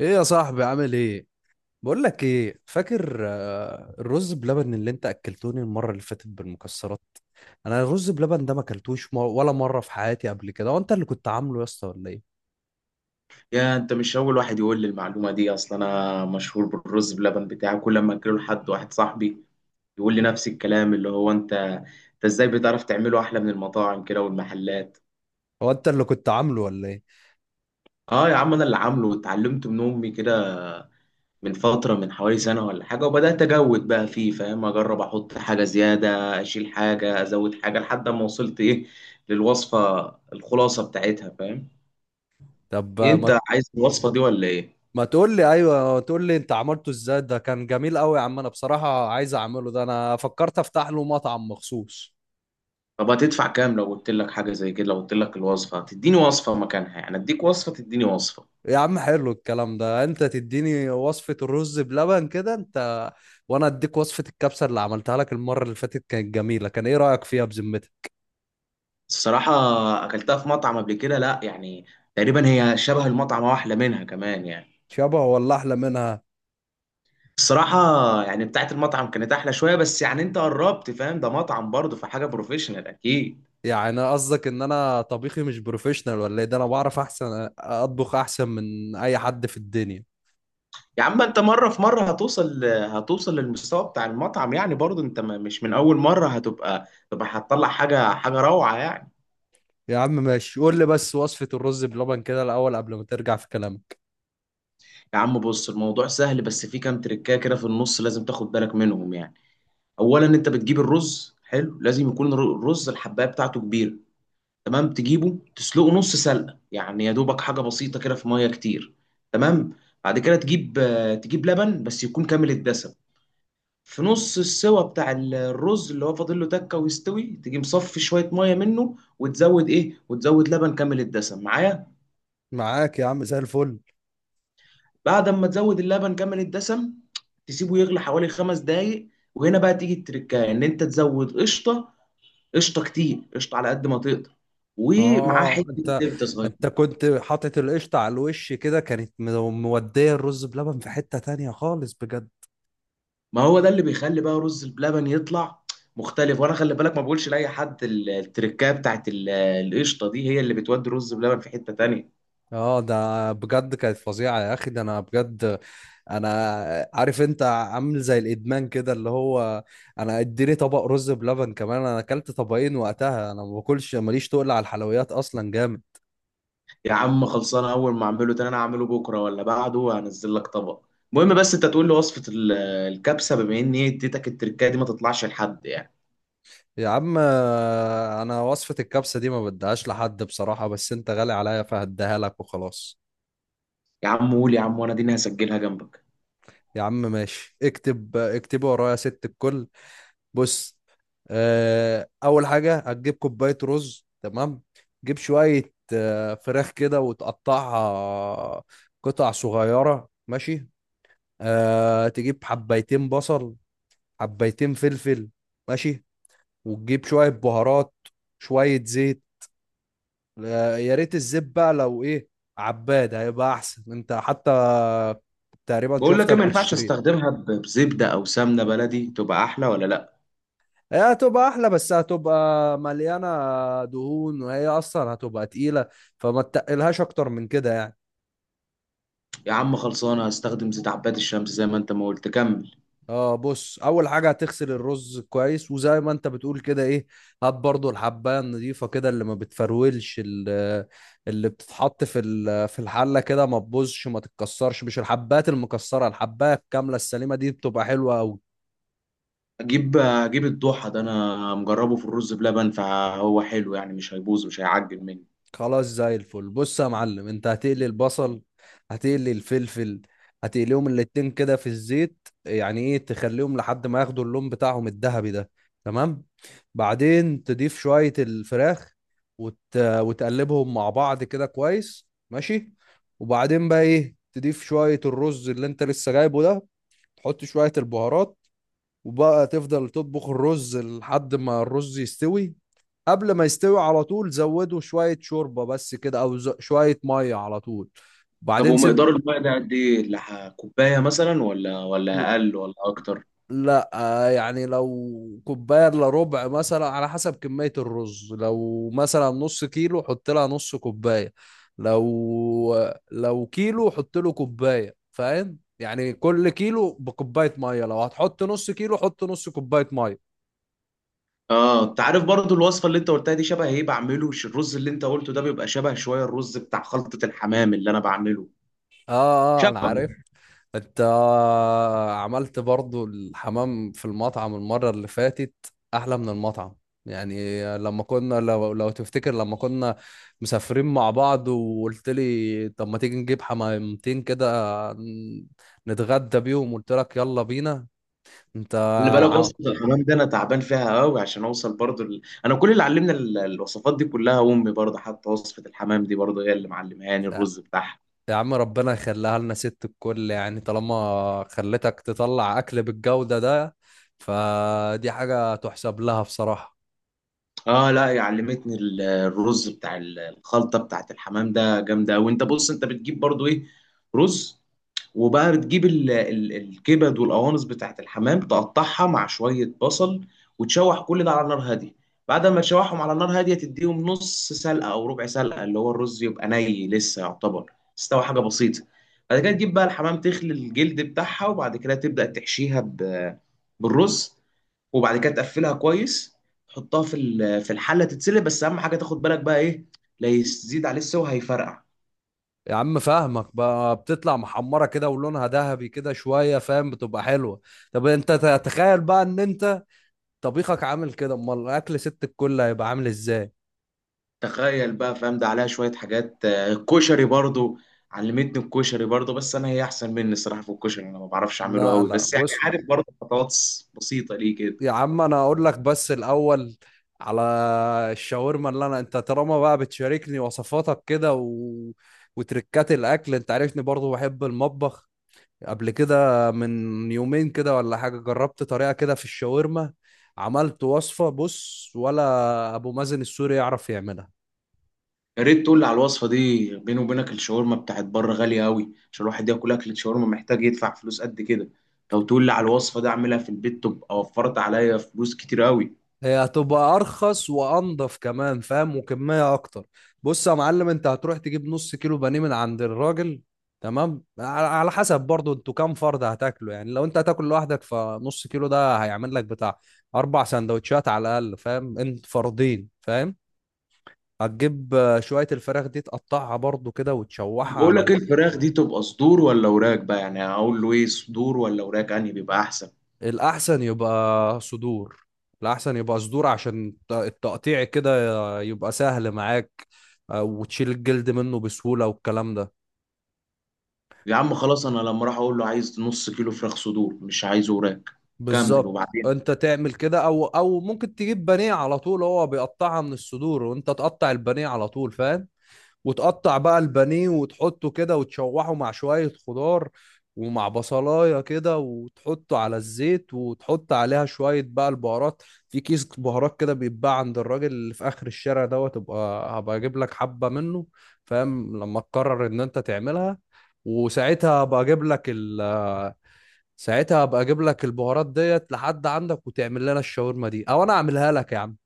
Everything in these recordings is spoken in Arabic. ايه يا صاحبي عامل ايه؟ بقول لك ايه، فاكر الرز بلبن اللي انت اكلتوني المره اللي فاتت بالمكسرات؟ انا الرز بلبن ده ما اكلتوش ولا مره في حياتي قبل كده. هو انت اللي كنت عامله يا اسطى ولا ايه؟ يا انت مش اول واحد يقول لي المعلومه دي اصلا، انا مشهور بالرز بلبن بتاعي. كل ما اكله لحد واحد صاحبي يقول لي نفس الكلام، اللي هو انت ازاي بتعرف تعمله احلى من المطاعم كده والمحلات؟ هو انت اللي كنت عامله ولا ايه؟ اه يا عم، انا اللي عامله واتعلمت من امي كده. من فتره، من حوالي سنه ولا حاجه، وبدات اجود بقى فيه، فاهم؟ اجرب احط حاجه زياده، اشيل حاجه، ازود حاجه، لحد ما وصلت ايه، للوصفه، الخلاصه بتاعتها، فاهم؟ طب إيه، انت عايز الوصفه دي ولا ايه؟ ما تقول لي ايوه، تقول لي انت عملته ازاي. ده كان جميل قوي يا عم، انا بصراحه عايز اعمله. ده انا فكرت افتح له مطعم مخصوص. طب هتدفع كام لو قلت لك حاجة زي كده؟ لو قلت لك الوصفة، تديني وصفة مكانها. يعني اديك وصفة تديني وصفة. يا عم حلو الكلام ده، انت تديني وصفة الرز بلبن كده، انت وانا اديك وصفة الكبسة اللي عملتها لك المرة اللي فاتت. كانت جميلة، كان ايه رأيك فيها بذمتك؟ الصراحة، اكلتها في مطعم قبل كده، لا يعني. تقريبا هي شبه المطعم او احلى منها كمان يعني. شبه ولا احلى منها؟ الصراحة يعني بتاعت المطعم كانت احلى شوية، بس يعني انت قربت، فاهم؟ ده مطعم برضه، فحاجة بروفيشنال اكيد. يعني قصدك ان انا طبيخي مش بروفيشنال ولا ايه؟ ده انا بعرف، احسن اطبخ احسن من اي حد في الدنيا. يا عم انت، مرة في مرة هتوصل للمستوى بتاع المطعم يعني. برضه انت مش من اول مرة هتبقى، تبقى هتطلع حاجة روعة يعني. يا عم ماشي، قول لي بس وصفة الرز بلبن كده الاول قبل ما ترجع في كلامك. يا عم بص، الموضوع سهل، بس في كام تريكايه كده في النص لازم تاخد بالك منهم يعني. اولا، انت بتجيب الرز حلو، لازم يكون الرز الحبايه بتاعته كبيره. تمام. تجيبه تسلقه نص سلقه، يعني يا دوبك حاجه بسيطه كده في ميه كتير. تمام. بعد كده تجيب تجيب لبن بس يكون كامل الدسم. في نص السوا بتاع الرز، اللي هو فاضل له تكه ويستوي، تيجي مصفي شويه ميه منه وتزود ايه، وتزود لبن كامل الدسم. معايا؟ معاك يا عم، زي الفل. بعد ما تزود اللبن كمان الدسم، تسيبه يغلي حوالي 5 دقايق. وهنا بقى تيجي التركايه، ان انت تزود قشطه. قشطه كتير، قشطه على قد ما تقدر. ومعاه اه، حته انت زبده صغيره. انت كنت حاطط القشطة على الوش كده، كانت مودية الرز بلبن في حتة تانية خالص، بجد. ما هو ده اللي بيخلي بقى رز بلبن يطلع مختلف. وانا خلي بالك، ما بقولش لاي حد. التركايه بتاعت القشطه دي هي اللي بتودي رز بلبن في حته تانية. اه ده بجد كانت فظيعة يا اخي، ده انا بجد انا عارف انت عامل زي الادمان كده، اللي هو انا اديني طبق رز بلبن كمان. انا اكلت طبقين وقتها، انا ما باكلش، ماليش تقل على الحلويات اصلا، جامد. يا عم خلصانه، اول ما اعمله تاني انا هعمله بكره ولا بعده وهنزل لك طبق. المهم بس انت تقول لي وصفه الكبسه، بما ان هي اديتك التركايه دي، ما تطلعش لحد يعني. يا عم انا وصفة الكبسة دي ما بديهاش لحد بصراحة، بس انت غالي عليا فهديها لك وخلاص. يا عم قول يا عم، وانا دي هسجلها جنبك. يا عم ماشي، اكتب اكتبي ورايا يا ست الكل. بص، اول حاجه هتجيب كوبايه رز، تمام. جيب شويه فراخ كده وتقطعها قطع صغيره، ماشي. أه، تجيب حبايتين بصل، حبايتين فلفل، ماشي. وتجيب شويه بهارات، شويه زيت. يا ريت الزيت بقى لو ايه عباد، هيبقى احسن. انت حتى تقريبا بقول لك ايه، شفتك ما ينفعش بتشتري. استخدمها بزبده او سمنه بلدي؟ تبقى احلى ولا لا؟ هي هتبقى احلى بس هتبقى مليانه دهون، وهي اصلا هتبقى تقيله، فما تقلهاش اكتر من كده يعني. يا عم خلصانه، هستخدم زيت عباد الشمس زي ما انت ما قلت. كمل. اه بص، اول حاجه هتغسل الرز كويس، وزي ما انت بتقول كده، ايه، هات برضو الحبايه النظيفه كده اللي ما بتفرولش اللي بتتحط في في الحله كده، ما تبوظش ما تتكسرش، مش الحبات المكسره، الحبايه الكامله السليمه دي بتبقى حلوه قوي. اجيب الضحى، ده انا مجربه في الرز بلبن فهو حلو يعني، مش هيبوظ، مش هيعجن مني. خلاص زي الفل. بص يا معلم، انت هتقلي البصل، هتقلي الفلفل، هتقليهم الاتنين كده في الزيت، يعني ايه، تخليهم لحد ما ياخدوا اللون بتاعهم الذهبي ده، تمام. بعدين تضيف شوية الفراخ، وتقلبهم مع بعض كده كويس، ماشي. وبعدين بقى، ايه، تضيف شوية الرز اللي انت لسه جايبه ده، تحط شوية البهارات، وبقى تفضل تطبخ الرز لحد ما الرز يستوي. قبل ما يستوي على طول زودوا شوية شوربة بس كده، أو شوية مية على طول، طب وبعدين سيب. ومقدار الماء ده قد ايه اللي كوبايه مثلا، ولا اقل ولا اكتر؟ لا، يعني لو كوباية إلا ربع مثلا، على حسب كمية الرز. لو مثلا نص كيلو حط لها نص كوباية، لو لو كيلو حط له كوباية، فاهم؟ يعني كل كيلو بكوباية مية. لو هتحط نص كيلو حط نص كوباية مية. اه انت عارف برضو الوصفه اللي انت قلتها دي شبه ايه؟ بعمله، الرز اللي انت قلته ده بيبقى شبه شويه الرز بتاع خلطه الحمام اللي انا بعمله. اه اه، انا شبه. عارف. انت عملت برضو الحمام في المطعم المرة اللي فاتت احلى من المطعم. يعني لما كنا، لو تفتكر لما كنا مسافرين مع بعض وقلت لي طب ما تيجي نجيب حمامتين كده، ن- نتغدى بيهم، قلت لك يلا بينا. انت اللي بالك، ع- وصفة الحمام ده انا تعبان فيها قوي عشان اوصل برضو. ال... انا كل اللي علمنا الوصفات دي كلها امي، برضو حتى وصفة الحمام دي برضو هي اللي معلمهاني الرز بتاعها. يا عم ربنا يخليها لنا ست الكل، يعني طالما خلتك تطلع اكل بالجودة ده، فدي حاجة تحسب لها بصراحة. اه، لا علمتني الرز بتاع الخلطه بتاعت الحمام ده جامده. وانت بص، انت بتجيب برضو ايه؟ رز. وبقى بتجيب الكبد والقوانص بتاعت الحمام، تقطعها مع شويه بصل. وتشوح كل ده على نار هاديه. بعد ما تشوحهم على نار هاديه، تديهم نص سلقه او ربع سلقه، اللي هو الرز يبقى ني لسه يعتبر، استوى حاجه بسيطه. بعد كده تجيب بقى الحمام، تخلي الجلد بتاعها، وبعد كده تبدا تحشيها بالرز. وبعد كده تقفلها كويس، تحطها في في الحله تتسلق. بس اهم حاجه، تاخد بالك بقى، ايه؟ لا يزيد عليه السوا، هيفرقع. يا عم فاهمك بقى، بتطلع محمرة كده ولونها ذهبي كده شوية، فاهم، بتبقى حلوة. طب انت تتخيل بقى ان انت طبيخك عامل كده، امال الاكل ست الكل هيبقى عامل ازاي؟ تخيل بقى، فاهم؟ ده عليها شويه حاجات. الكشري برضو علمتني الكشري برضو، بس انا هي احسن مني الصراحه في الكشري. انا ما بعرفش اعمله لا قوي، لا بس يعني بص، عارف برضو خطوات بسيطه، ليه كده. يا عم انا اقول لك بس الاول على الشاورما اللي انا، انت طالما بقى بتشاركني وصفاتك كده وتركات الاكل، انت عارفني برضو بحب المطبخ. قبل كده من يومين كده ولا حاجة جربت طريقة كده في الشاورما، عملت وصفة بص ولا أبو مازن السوري يعرف يعملها. يا ريت تقول لي على الوصفه دي، بيني وبينك الشاورما بتاعت بره غاليه قوي، عشان الواحد ياكل اكل شاورما محتاج يدفع فلوس قد كده. لو تقول لي على الوصفه دي اعملها في البيت، تبقى وفرت عليا فلوس كتير قوي. هي هتبقى أرخص وأنضف كمان، فاهم، وكمية أكتر. بص يا معلم، أنت هتروح تجيب نص كيلو بانيه من عند الراجل، تمام، على حسب برضو انتوا كام فرد هتاكلوا. يعني لو انت هتاكل لوحدك فنص كيلو ده هيعمل لك بتاع أربع سندوتشات على الأقل، فاهم؟ انت فردين فاهم. هتجيب شوية الفراخ دي تقطعها برضو كده وتشوحها بقول على لك، الفراخ دي تبقى صدور ولا وراك بقى؟ يعني اقول له ايه، صدور ولا وراك، انهي بيبقى احسن؟ الأحسن يبقى صدور. الأحسن يبقى صدور عشان التقطيع كده يبقى سهل معاك، وتشيل الجلد منه بسهولة والكلام ده. يا عم خلاص، انا لما راح اقول له عايز نص كيلو فراخ صدور، مش عايز وراك. كمل بالظبط، وبعدين. انت تعمل كده، او ممكن تجيب بانيه على طول، هو بيقطعها من الصدور، وانت تقطع البانيه على طول فاهم. وتقطع بقى البانيه وتحطه كده وتشوحه مع شوية خضار، ومع بصلاية كده، وتحطه على الزيت، وتحط عليها شوية بقى البهارات. في كيس بهارات كده بيتباع عند الراجل اللي في آخر الشارع دوت، تبقى هبقى أجيب لك حبة منه فاهم، لما تقرر إن أنت تعملها. وساعتها هبقى أجيب لك ساعتها هبقى أجيب لك البهارات ديت لحد عندك، وتعمل لنا الشاورما دي أو أنا أعملها لك يا عم.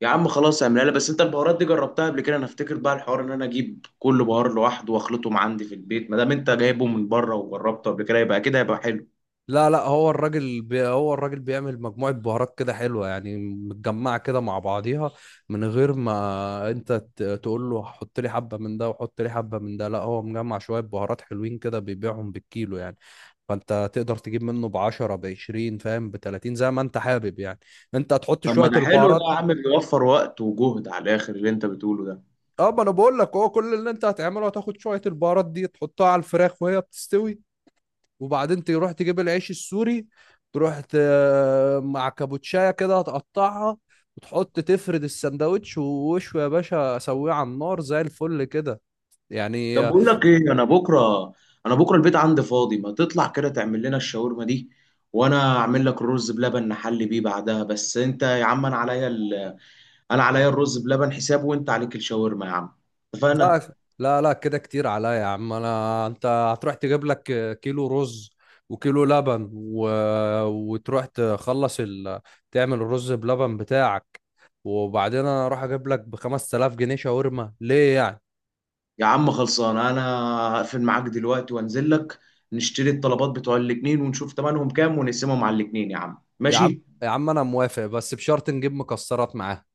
يا عم خلاص اعملها لي، بس انت البهارات دي جربتها قبل كده؟ انا افتكر بقى الحوار ان انا اجيب كل بهار لوحده واخلطهم عندي في البيت. ما دام انت جايبه من بره وجربته قبل كده، يبقى كده هيبقى حلو. لا لا، هو الراجل بيعمل مجموعة بهارات كده حلوة، يعني متجمعة كده مع بعضيها، من غير ما انت تقول له حط لي حبة من ده وحط لي حبة من ده. لا، هو مجمع شوية بهارات حلوين كده بيبيعهم بالكيلو يعني. فانت تقدر تجيب منه بعشرة، بعشرين فاهم، بتلاتين، زي ما انت حابب يعني. انت هتحط طب ما شوية ده حلو ده البهارات. يا عم، بيوفر وقت وجهد على الاخر اللي انت بتقوله ده. اه ما انا بقول لك، هو كل اللي انت هتعمله هتاخد شوية البهارات دي تحطها على الفراخ وهي بتستوي. وبعدين تروح تجيب العيش السوري، تروح ت... مع كابوتشايه كده هتقطعها، وتحط تفرد السندوتش، ووشه يا باشا سويه على النار زي الفل كده يعني. طب بقول لك ايه، انا بكره البيت عندي فاضي، ما تطلع كده تعمل لنا الشاورما دي، وانا اعمل لك الرز بلبن نحلي بيه بعدها. بس انت يا عم انا عليا ال... انا عليا الرز بلبن حساب، وانت عليك الشاورما يا عم، لا، اتفقنا؟ لا كده كتير عليا يا عم. انا، انت هتروح تجيب لك كيلو رز وكيلو لبن وتروح تخلص تعمل الرز بلبن بتاعك، وبعدين انا اروح اجيب لك ب 5000 جنيه شاورما، ليه يعني؟ يا عم خلصان، انا هقفل معاك دلوقتي وانزل لك، نشتري الطلبات بتوع الاتنين ونشوف تمنهم كام ونقسمهم على الاتنين. يا عم يا عم ماشي. يا عم انا موافق بس بشرط نجيب مكسرات معاها.